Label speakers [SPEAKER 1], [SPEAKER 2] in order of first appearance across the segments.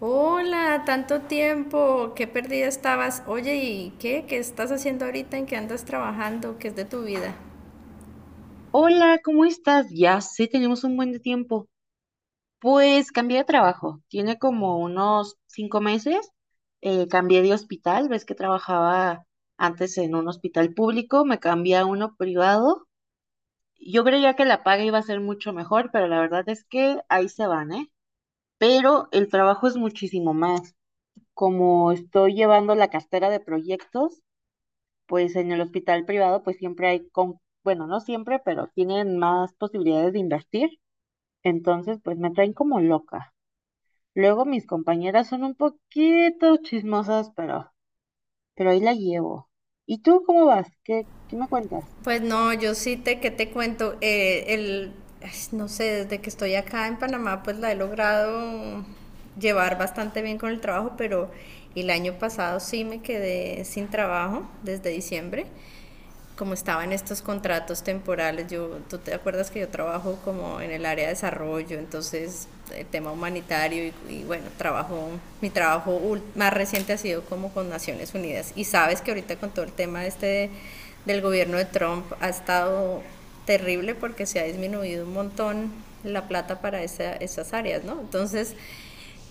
[SPEAKER 1] Hola, tanto tiempo, qué perdida estabas. Oye, ¿y qué? ¿Qué estás haciendo ahorita? ¿En qué andas trabajando? ¿Qué es de tu vida?
[SPEAKER 2] Hola, ¿cómo estás? Ya sé, tenemos un buen de tiempo. Pues cambié de trabajo. Tiene como unos cinco meses. Cambié de hospital. Ves que trabajaba antes en un hospital público, me cambié a uno privado. Yo creía que la paga iba a ser mucho mejor, pero la verdad es que ahí se van, ¿eh? Pero el trabajo es muchísimo más. Como estoy llevando la cartera de proyectos, pues en el hospital privado, pues siempre hay, con... bueno, no siempre, pero tienen más posibilidades de invertir. Entonces, pues me traen como loca. Luego mis compañeras son un poquito chismosas, pero ahí la llevo. ¿Y tú cómo vas? ¿Qué me cuentas?
[SPEAKER 1] Pues no, ¿qué te cuento? No sé, desde que estoy acá en Panamá, pues la he logrado llevar bastante bien con el trabajo, pero el año pasado sí me quedé sin trabajo desde diciembre. Como estaba en estos contratos temporales, yo, tú te acuerdas que yo trabajo como en el área de desarrollo, entonces el tema humanitario y bueno, mi trabajo más reciente ha sido como con Naciones Unidas, y sabes que ahorita con todo el tema este de, del gobierno de Trump ha estado terrible porque se ha disminuido un montón la plata para esas áreas, ¿no? Entonces,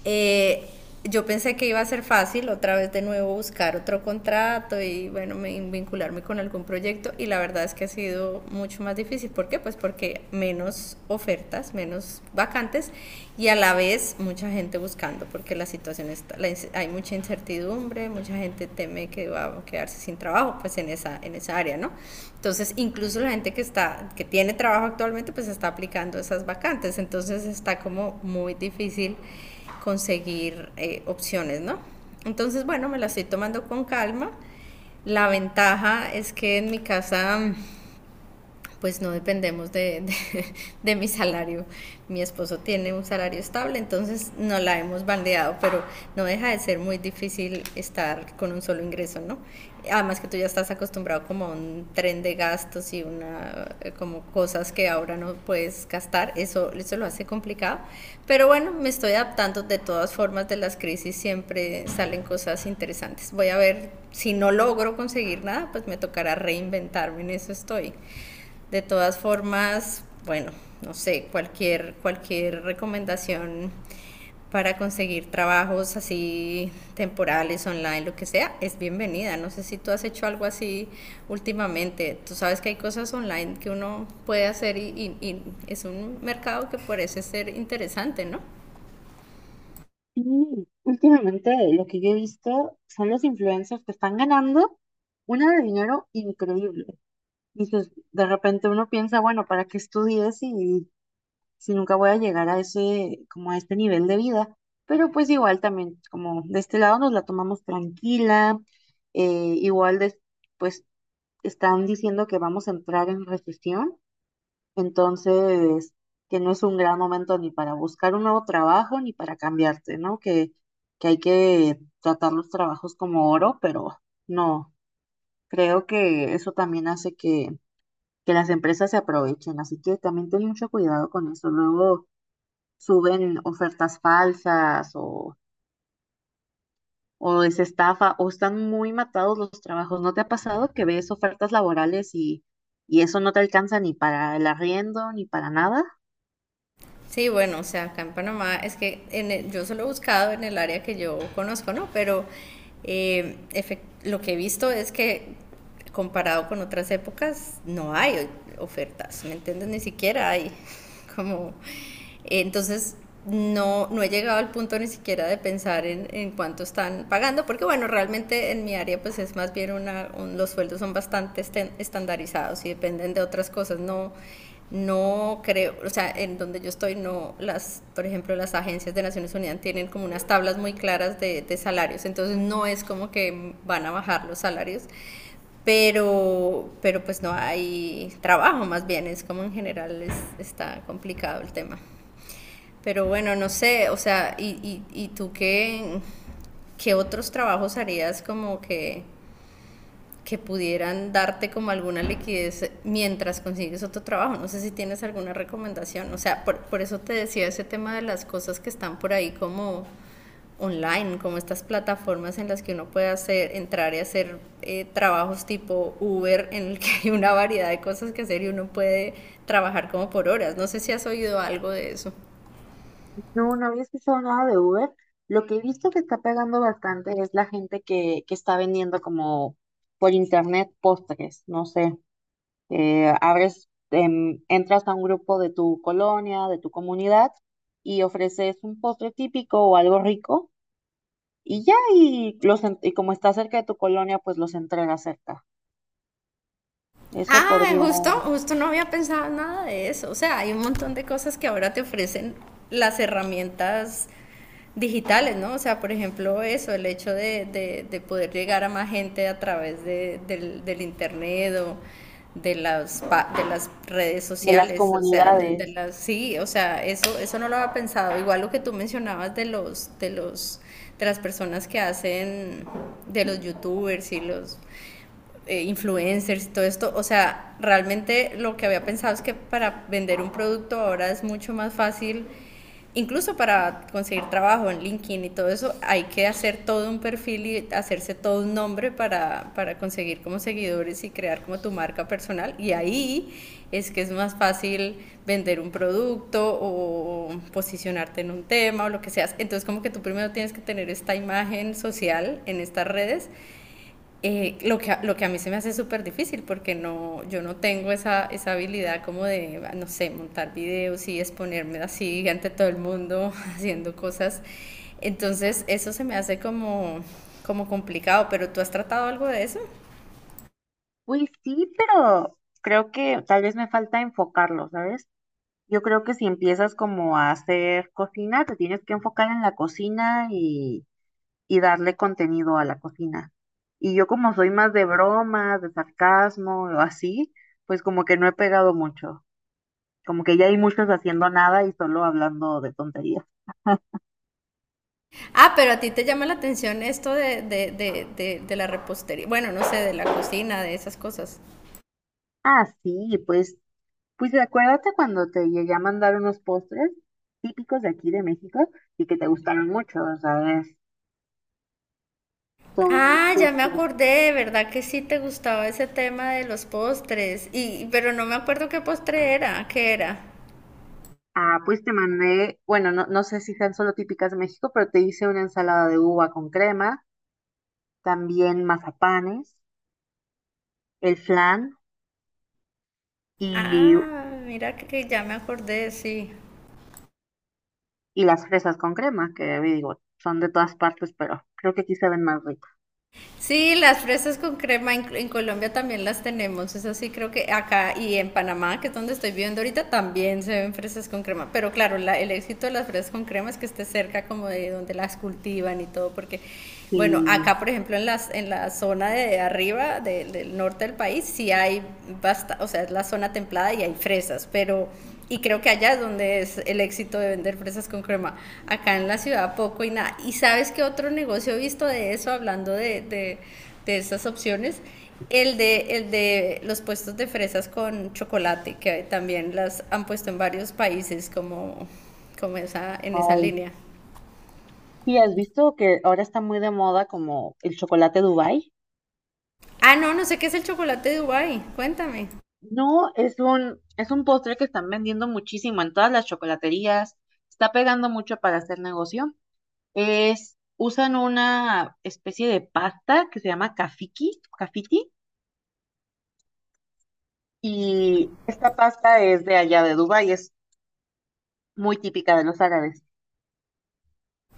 [SPEAKER 1] eh, yo pensé que iba a ser fácil otra vez de nuevo buscar otro contrato y bueno, vincularme con algún proyecto, y la verdad es que ha sido mucho más difícil. ¿Por qué? Pues porque menos ofertas, menos vacantes, y a la vez mucha gente buscando porque la hay mucha incertidumbre, mucha gente teme que va a quedarse sin trabajo pues en esa área, ¿no? Entonces incluso la gente que tiene trabajo actualmente pues está aplicando esas vacantes, entonces está como muy difícil conseguir opciones, ¿no? Entonces, bueno, me la estoy tomando con calma. La ventaja es que en mi casa pues no dependemos mi salario. Mi esposo tiene un salario estable, entonces no la hemos bandeado, pero no deja de ser muy difícil estar con un solo ingreso, ¿no? Además que tú ya estás acostumbrado como a un tren de gastos y una como cosas que ahora no puedes gastar, eso lo hace complicado. Pero bueno, me estoy adaptando. De todas formas, de las crisis siempre salen cosas interesantes. Voy a ver, si no logro conseguir nada, pues me tocará reinventarme, en eso estoy. De todas formas, bueno, no sé, cualquier recomendación para conseguir trabajos así temporales, online, lo que sea, es bienvenida. No sé si tú has hecho algo así últimamente. Tú sabes que hay cosas online que uno puede hacer, y es un mercado que parece ser interesante, ¿no?
[SPEAKER 2] Sí, últimamente lo que yo he visto son los influencers que están ganando una de dinero increíble. Y pues de repente uno piensa, bueno, ¿para qué estudies si, si nunca voy a llegar a ese, como a este nivel de vida? Pero pues igual también, como de este lado nos la tomamos tranquila, eh, igual de, pues están diciendo que vamos a entrar en recesión, entonces que no es un gran momento ni para buscar un nuevo trabajo ni para cambiarte, ¿no? Que hay que tratar los trabajos como oro, pero no, creo que eso también hace que las empresas se aprovechen, así que también ten mucho cuidado con eso. Luego suben ofertas falsas o es estafa, o están muy matados los trabajos. ¿No te ha pasado que ves ofertas laborales y eso no te alcanza ni para el arriendo, ni para nada?
[SPEAKER 1] Sí, bueno, o sea, acá en Panamá es que yo solo he buscado en el área que yo conozco, ¿no? Pero lo que he visto es que comparado con otras épocas no hay ofertas, ¿me entiendes? Ni siquiera hay como entonces, no, no he llegado al punto ni siquiera de pensar en cuánto están pagando, porque bueno, realmente en mi área pues es más bien los sueldos son bastante estandarizados y dependen de otras cosas, no, no creo, o sea, en donde yo estoy no, las, por ejemplo, las agencias de Naciones Unidas tienen como unas tablas muy claras de salarios, entonces no es como que van a bajar los salarios, pero pues no hay trabajo, más bien es como en general es, está complicado el tema. Pero bueno, no sé, o sea, y tú qué, qué otros trabajos harías como que pudieran darte como alguna liquidez mientras consigues otro trabajo? No sé si tienes alguna recomendación. O sea, por eso te decía ese tema de las cosas que están por ahí como online, como estas plataformas en las que uno puede hacer, entrar y hacer trabajos tipo Uber, en el que hay una variedad de cosas que hacer y uno puede trabajar como por horas. No sé si has oído algo de eso.
[SPEAKER 2] No, no había escuchado nada de Uber. Lo que he visto que está pegando bastante es la gente que está vendiendo como por internet postres, no sé, abres, entras a un grupo de tu colonia, de tu comunidad y ofreces un postre típico o algo rico. Y ya, y, los, y como está cerca de tu colonia, pues los entrega cerca. Eso
[SPEAKER 1] Ah,
[SPEAKER 2] podría,
[SPEAKER 1] justo, justo no había pensado nada de eso. O sea, hay un montón de cosas que ahora te ofrecen las herramientas digitales, ¿no? O sea, por ejemplo, eso, el hecho de poder llegar a más gente a través del internet o de las redes
[SPEAKER 2] de las
[SPEAKER 1] sociales, o sea, de
[SPEAKER 2] comunidades.
[SPEAKER 1] las, sí, o sea, eso no lo había pensado. Igual lo que tú mencionabas de las personas que hacen, de los youtubers y los influencers y todo esto, o sea, realmente lo que había pensado es que para vender un producto ahora es mucho más fácil, incluso para conseguir trabajo en LinkedIn y todo eso, hay que hacer todo un perfil y hacerse todo un nombre para conseguir como seguidores y crear como tu marca personal. Y ahí es que es más fácil vender un producto o posicionarte en un tema o lo que seas. Entonces como que tú primero tienes que tener esta imagen social en estas redes, lo que a mí se me hace súper difícil porque no, yo no tengo esa habilidad como de, no sé, montar videos y exponerme así ante todo el mundo haciendo cosas. Entonces eso se me hace como complicado, pero ¿tú has tratado algo de eso?
[SPEAKER 2] Pues sí, pero creo que tal vez me falta enfocarlo, ¿sabes? Yo creo que si empiezas como a hacer cocina, te tienes que enfocar en la cocina y darle contenido a la cocina. Y yo como soy más de bromas, de sarcasmo o así, pues como que no he pegado mucho. Como que ya hay muchos haciendo nada y solo hablando de tonterías.
[SPEAKER 1] Ah, pero a ti te llama la atención esto de la repostería, bueno, no sé, de la cocina, de esas cosas.
[SPEAKER 2] Ah, sí, pues pues acuérdate cuando te llegué a mandar unos postres típicos de aquí de México y que te gustaron mucho, ¿sabes? Son
[SPEAKER 1] Ah, ya me
[SPEAKER 2] justo.
[SPEAKER 1] acordé, ¿verdad que sí te gustaba ese tema de los postres? Y pero no me acuerdo qué postre era, ¿qué era?
[SPEAKER 2] Ah, pues te mandé, bueno, no, no sé si sean solo típicas de México, pero te hice una ensalada de uva con crema, también mazapanes, el flan y,
[SPEAKER 1] Ah, mira que ya me acordé, sí.
[SPEAKER 2] y las fresas con crema, que digo, son de todas partes, pero creo que aquí se ven más ricas.
[SPEAKER 1] Sí, las fresas con crema en Colombia también las tenemos. Eso sí, creo que acá y en Panamá, que es donde estoy viviendo ahorita, también se ven fresas con crema. Pero claro, el éxito de las fresas con crema es que esté cerca como de donde las cultivan y todo, porque bueno,
[SPEAKER 2] Sí,
[SPEAKER 1] acá, por ejemplo, en la zona de arriba, del norte del país, sí hay basta, o sea, es la zona templada y hay fresas, pero y creo que allá es donde es el éxito de vender fresas con crema. Acá en la ciudad poco y nada. ¿Y sabes qué otro negocio he visto de eso, hablando de estas opciones? El de los puestos de fresas con chocolate, que también las han puesto en varios países como esa, en esa
[SPEAKER 2] ay.
[SPEAKER 1] línea.
[SPEAKER 2] Sí, ¿has visto que ahora está muy de moda como el chocolate Dubai?
[SPEAKER 1] Ah, no, no sé qué es el chocolate de Dubai. Cuéntame.
[SPEAKER 2] No, es un postre que están vendiendo muchísimo en todas las chocolaterías. Está pegando mucho para hacer negocio. Es, usan una especie de pasta que se llama kafiki, kafiti, y esta pasta es de allá de Dubái, es muy típica de los árabes.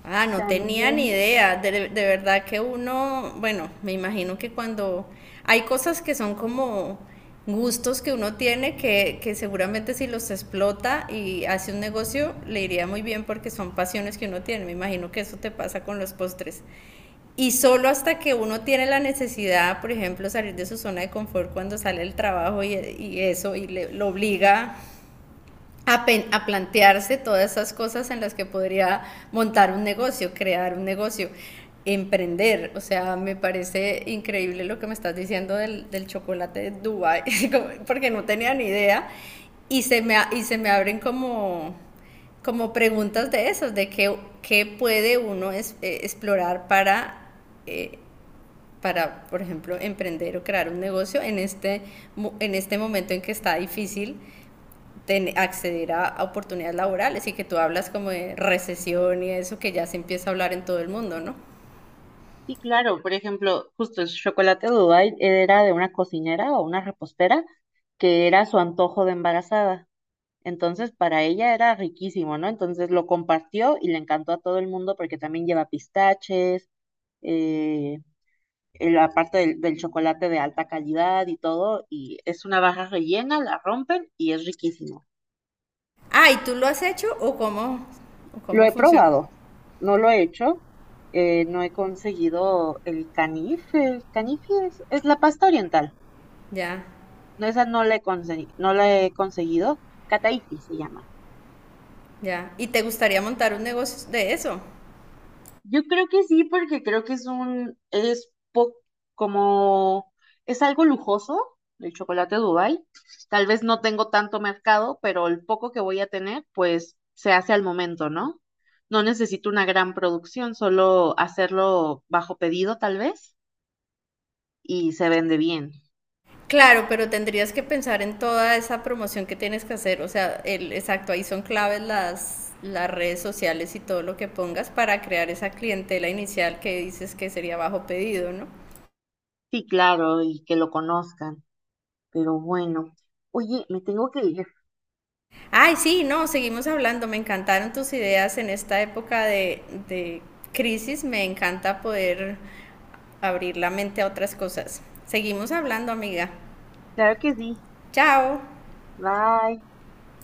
[SPEAKER 1] Ah, no tenía
[SPEAKER 2] También,
[SPEAKER 1] ni idea. De verdad que uno, bueno, me imagino que cuando hay cosas que son como gustos que uno tiene que seguramente si los explota y hace un negocio le iría muy bien porque son pasiones que uno tiene. Me imagino que eso te pasa con los postres. Y solo hasta que uno tiene la necesidad, por ejemplo, salir de su zona de confort cuando sale el trabajo lo obliga a, plantearse todas esas cosas en las que podría montar un negocio, crear un negocio, emprender. O sea, me parece increíble lo que me estás diciendo del chocolate de Dubai, porque no tenía ni idea. Y se me abren como preguntas de esas, qué puede uno explorar para... Eh, por ejemplo, emprender o crear un negocio en este momento en que está difícil acceder a oportunidades laborales, y que tú hablas como de recesión, y eso que ya se empieza a hablar en todo el mundo, ¿no?
[SPEAKER 2] sí, claro, por ejemplo, justo el chocolate de Dubái era de una cocinera o una repostera que era su antojo de embarazada. Entonces, para ella era riquísimo, ¿no? Entonces lo compartió y le encantó a todo el mundo porque también lleva pistaches, eh, la parte del, del chocolate de alta calidad y todo. Y es una barra rellena, la rompen y es riquísimo.
[SPEAKER 1] Ah, ¿y tú lo has hecho o
[SPEAKER 2] Lo
[SPEAKER 1] cómo
[SPEAKER 2] he
[SPEAKER 1] funciona?
[SPEAKER 2] probado, no lo he hecho, no he conseguido el canife. El canife es la pasta oriental.
[SPEAKER 1] Ya,
[SPEAKER 2] No, esa no la he, no la he conseguido. Cataifi se llama.
[SPEAKER 1] ya. ¿Y te gustaría montar un negocio de eso?
[SPEAKER 2] Yo creo que sí, porque creo que es un, es po- como, es algo lujoso el chocolate Dubai. Tal vez no tengo tanto mercado, pero el poco que voy a tener, pues se hace al momento, ¿no? No necesito una gran producción, solo hacerlo bajo pedido tal vez y se vende bien.
[SPEAKER 1] Claro, pero tendrías que pensar en toda esa promoción que tienes que hacer. O sea, el, exacto, ahí son claves las redes sociales y todo lo que pongas para crear esa clientela inicial que dices que sería bajo pedido, ¿no?
[SPEAKER 2] Sí, claro, y que lo conozcan, pero bueno. Oye, me tengo que ir.
[SPEAKER 1] Ay, sí, no, seguimos hablando. Me encantaron tus ideas en esta época de crisis. Me encanta poder abrir la mente a otras cosas. Seguimos hablando, amiga.
[SPEAKER 2] Claro que sí.
[SPEAKER 1] Chao.
[SPEAKER 2] Bye.